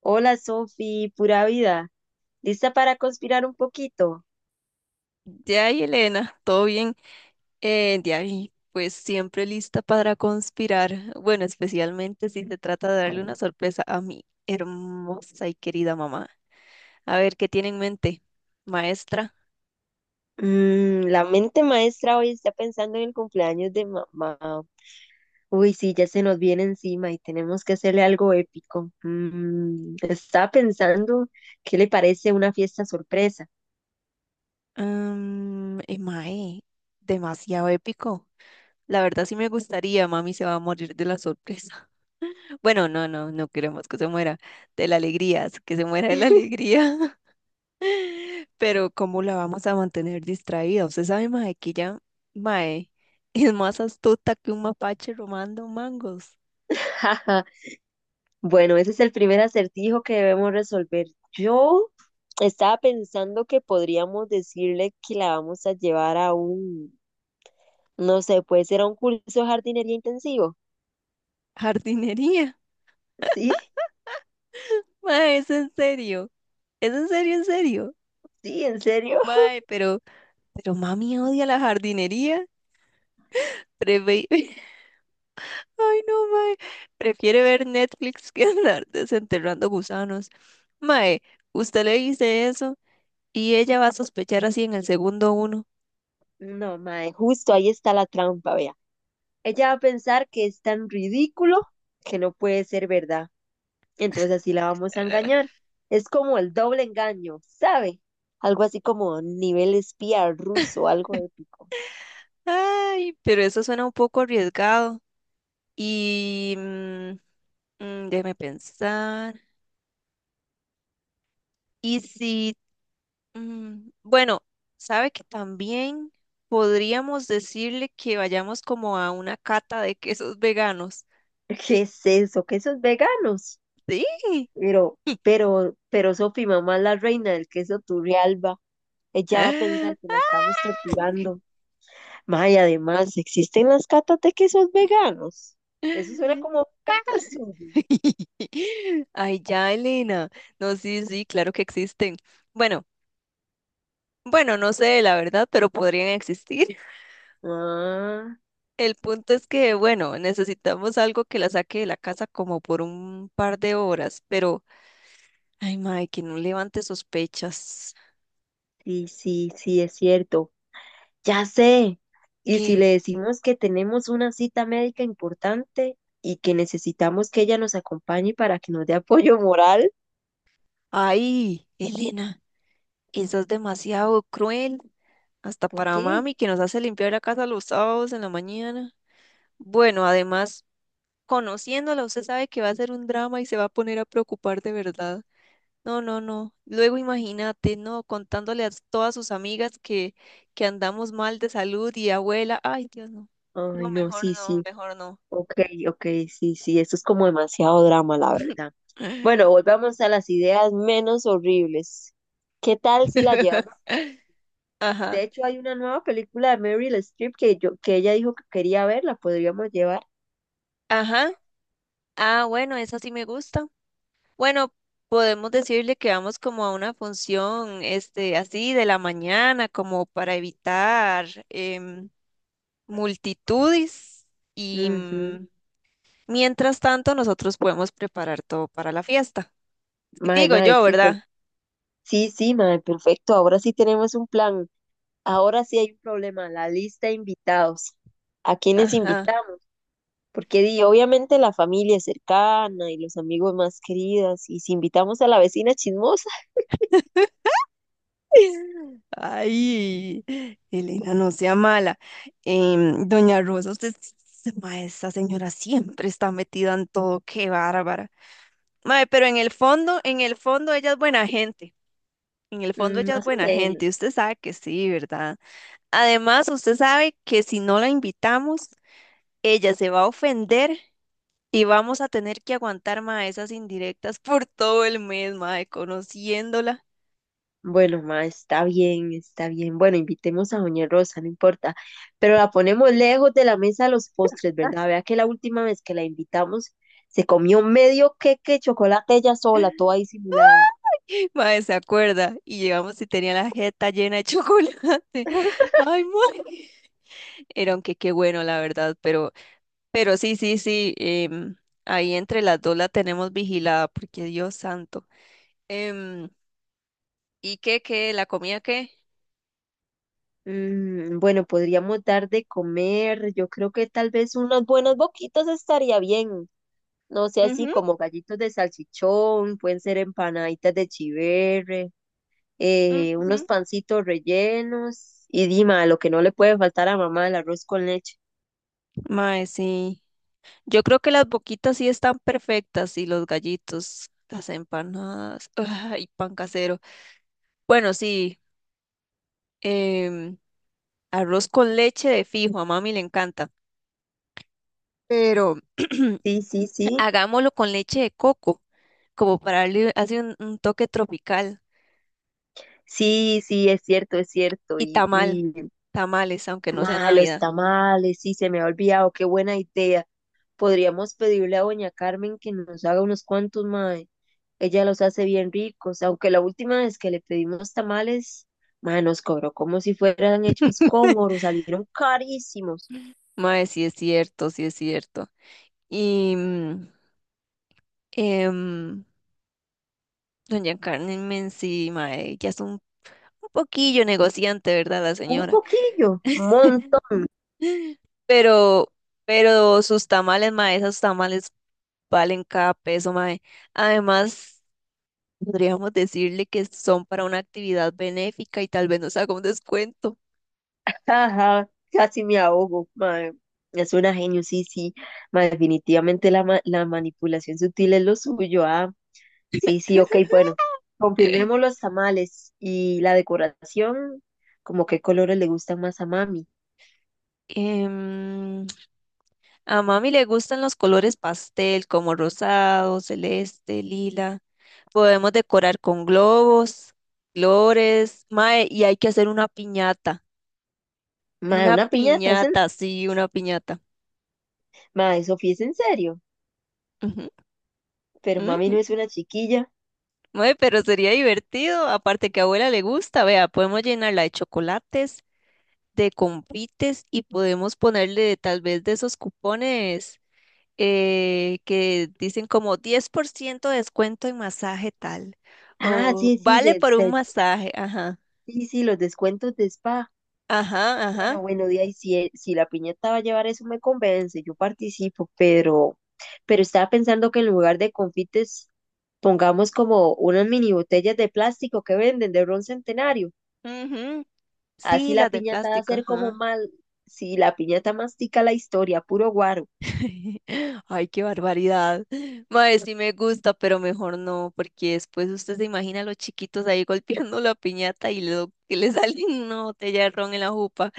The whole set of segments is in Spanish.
Hola Sofi, pura vida. ¿Lista para conspirar un poquito? Ya, y Elena, todo bien. Ya, y pues siempre lista para conspirar. Bueno, especialmente si se trata de darle una sorpresa a mi hermosa y querida mamá. A ver, ¿qué tiene en mente, maestra? La mente maestra hoy está pensando en el cumpleaños de mamá. Uy, sí, ya se nos viene encima y tenemos que hacerle algo épico. Está pensando, ¿qué le parece una fiesta sorpresa? Mae, demasiado épico. La verdad sí me gustaría, mami se va a morir de la sorpresa. Bueno, no, no, no queremos que se muera de la alegría, que se muera de la alegría. Pero ¿cómo la vamos a mantener distraída? Usted sabe, mae, que ya, mae, es más astuta que un mapache romando mangos. Jaja, bueno, ese es el primer acertijo que debemos resolver. Yo estaba pensando que podríamos decirle que la vamos a llevar a un, no sé, puede ser a un curso de jardinería intensivo. Jardinería. Sí. Mae, es en serio. Es en serio, en serio. Sí, ¿en serio? Mae, pero mami odia la jardinería. Preve- Ay, no, mae. Prefiere ver Netflix que andar desenterrando gusanos. Mae, usted le dice eso y ella va a sospechar así en el segundo uno. No, mae, justo ahí está la trampa, vea. Ella va a pensar que es tan ridículo que no puede ser verdad. Entonces así la vamos a Eh. engañar. Es como el doble engaño, ¿sabe? Algo así como nivel espía ruso, algo épico. Ay, pero eso suena un poco arriesgado. Y mm, Déjeme pensar. Y si, mm, Bueno, sabe que también podríamos decirle que vayamos como a una cata de quesos veganos. ¿Qué es eso? ¿Quesos veganos? Sí. Pero, pero Sofi, mamá es la reina del queso Turrialba. Ella va a pensar que la estamos torturando. Ma, y además, ¿existen las catas de quesos veganos? Eso suena como un cuento suyo. Ay, ya, Elena. No, sí, sí, claro que existen. Bueno, bueno, no sé la verdad, pero podrían existir. Ah, El punto es que, bueno, necesitamos algo que la saque de la casa como por un par de horas, pero ay, mae, que no levante sospechas. sí, sí, sí, es cierto. Ya sé. Y si ¿Qué? le decimos que tenemos una cita médica importante y que necesitamos que ella nos acompañe para que nos dé apoyo moral, Ay, Elena, eso es demasiado cruel, hasta ¿por para qué? mami que nos hace limpiar la casa los sábados en la mañana. Bueno, además, conociéndola, usted sabe que va a ser un drama y se va a poner a preocupar de verdad. No, no, no. Luego imagínate, no, contándole a todas sus amigas que andamos mal de salud y abuela. Ay, Dios, no. No, Ay, no, mejor sí, no, sí. mejor no. Ok, ok, sí, sí, esto es como demasiado drama, la verdad. Bueno, volvamos a las ideas menos horribles. ¿Qué tal si la llevamos? De Ajá, hecho, hay una nueva película de Meryl Streep que que ella dijo que quería ver, la podríamos llevar. ajá. Ah, bueno, eso sí me gusta. Bueno, podemos decirle que vamos como a una función, este, así de la mañana, como para evitar multitudes y Ujú. mm, mientras tanto nosotros podemos preparar todo para la fiesta. Mae, Digo mae, yo, ¿verdad? sí, sí, mae, perfecto. Ahora sí tenemos un plan. Ahora sí hay un problema, la lista de invitados. ¿A quiénes Ajá. invitamos? Porque di, obviamente la familia es cercana y los amigos más queridos. Y si invitamos a la vecina chismosa, Ay, Elena, no sea mala. Doña Rosa, usted, s- esa señora siempre está metida en todo, qué bárbara. Mae, pero en el fondo ella es buena gente. En el fondo mm, ella es más o buena menos. gente. Usted sabe que sí, ¿verdad? Además, usted sabe que si no la invitamos, ella se va a ofender y vamos a tener que aguantar, mae, esas indirectas por todo el mes, mae, conociéndola. Bueno, ma, está bien, está bien. Bueno, invitemos a Doña Rosa, no importa. Pero la ponemos lejos de la mesa de los postres, ¿verdad? Vea que la última vez que la invitamos se comió medio queque de chocolate ella sola, toda disimulada. Mae, se acuerda. Y llegamos y tenía la jeta llena de chocolate. Ay, mae. Era aunque qué bueno, la verdad. Pero sí, sí, sí. Ahí entre las dos la tenemos vigilada, porque Dios santo. Em, ¿Y qué, qué? ¿La comida qué? Bueno, podríamos dar de comer. Yo creo que tal vez unas buenas boquitas estaría bien. No sé, así Ujú, como gallitos de salchichón, pueden ser empanaditas de chiverre. Unos ujú. pancitos rellenos y Dima, lo que no le puede faltar a mamá, el arroz con leche. Mae, sí. Yo creo que las boquitas sí están perfectas y los gallitos, las empanadas, y pan casero. Bueno, sí, em, arroz con leche de fijo, a mami le encanta, pero Sí, sí, sí, hagámoslo con leche de coco, como para darle así un toque tropical. sí, sí, es cierto, es cierto. Y Y, tamal, y tamales, aunque no sea ma, los Navidad. tamales, sí, se me ha olvidado, qué buena idea. Podríamos pedirle a doña Carmen que nos haga unos cuantos, mae. Ella los hace bien ricos, aunque la última vez que le pedimos tamales, mae, nos cobró como si fueran hechos con oro, salieron carísimos. Mae, sí es cierto, sí es cierto. Y... mm, em, Doña Carmen Menzi, mae, ya es un poquillo negociante, ¿verdad? La Un señora. poquillo, un Pero, pero sus tamales, mae, esos tamales valen cada peso, mae. Además, podríamos decirle que son para una actividad benéfica y tal vez nos haga un descuento. ajá, casi me ahogo, mae. Es una genio, sí, sí. Mae, definitivamente la manipulación sutil es lo suyo. Ah, sí, sí, ok, bueno. Confirmemos los tamales y la decoración, como qué colores le gustan más a mami. Em, a mami le gustan los colores pastel, como rosado, celeste, lila. Podemos decorar con globos, flores, mae, y hay que hacer una piñata. Mae, Una una piñata, es en... piñata, sí, una piñata. Mae, Sofía, es en serio. Ujú, Pero mami no ujú. es una chiquilla. Mae, pero sería divertido, aparte que a abuela le gusta, vea, podemos llenarla de chocolates, de comprites y podemos ponerle tal vez de esos cupones que dicen como 10% de descuento en masaje tal, Ah, o sí, sí, vale por un masaje, ajá, sí, sí, los descuentos de spa. ajá, ajá. Bueno, bueno, de ahí si, si la piñata va a llevar eso me convence, yo participo, pero estaba pensando que en lugar de confites pongamos como unas mini botellas de plástico que venden de ron centenario. Ujú. Así Sí, la las de piñata va a plástico, ser como ajá. mal, si la piñata mastica la historia, puro guaro. Ay, qué barbaridad. Mae, sí me gusta, pero mejor no, porque después usted se imagina a los chiquitos ahí golpeando la piñata y lo que le sale una botella de ron en la jupa.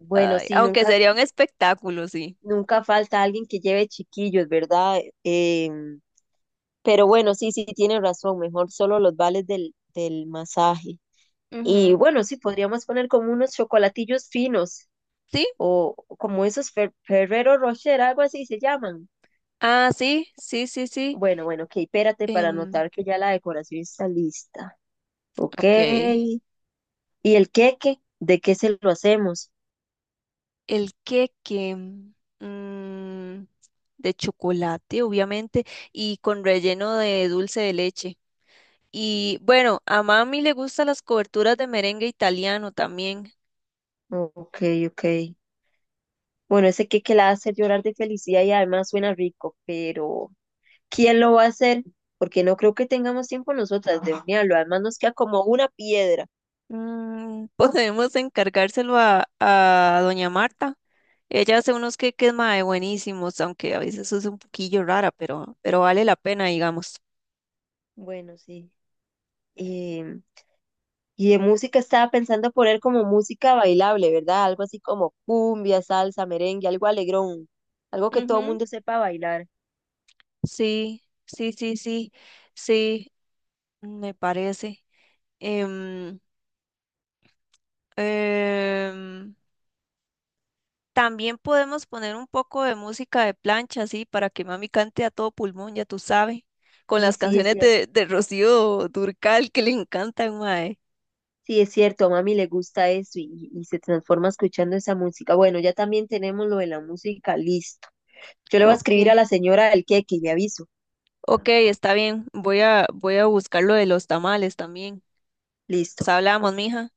Bueno, Ay, sí, aunque nunca, sería un espectáculo, sí. nunca falta alguien que lleve chiquillos, ¿verdad? Em, pero bueno, sí, sí, tiene razón, mejor solo los vales del masaje. Ujú. Y bueno, sí, podríamos poner como unos chocolatillos finos ¿Sí? O como esos Ferrero Rocher, algo así se llaman. Ah, sí, sí, sí, sí. Bueno, bueno, ok, espérate para Em, notar que ya la decoración está lista. Ok. ok. ¿Y el queque? ¿De qué se lo hacemos? El queque de chocolate, obviamente, y con relleno de dulce de leche. Y bueno, a mami le gustan las coberturas de merengue italiano también. Ok, ok. Bueno, ese queque la hace llorar de felicidad y además suena rico, pero ¿quién lo va a hacer? Porque no creo que tengamos tiempo nosotras de hornearlo. Además nos queda como una piedra. Podemos encargárselo a doña Marta. Ella hace unos queques mae buenísimos, aunque a veces es un poquillo rara, pero vale la pena, digamos. Bueno, sí. eh, y de música estaba pensando poner como música bailable, ¿verdad? Algo así como cumbia, salsa, merengue, algo alegrón, algo que todo el Ujú, mundo sepa bailar. sí, sí, sí, sí, sí, me parece. Em, em, También podemos poner un poco de música de plancha, así, para que mami cante a todo pulmón, ya tú sabes, con Sí, las sí, es canciones de, cierto. de Rocío Durcal que le encantan, mae. Sí, es cierto, a mami le gusta eso y se transforma escuchando esa música. Bueno, ya también tenemos lo de la música, listo. Yo le voy a Ok, escribir a la señora del queque y le aviso. ok, está bien. Voy a buscar lo de los tamales también. Pues Listo. hablamos, mija.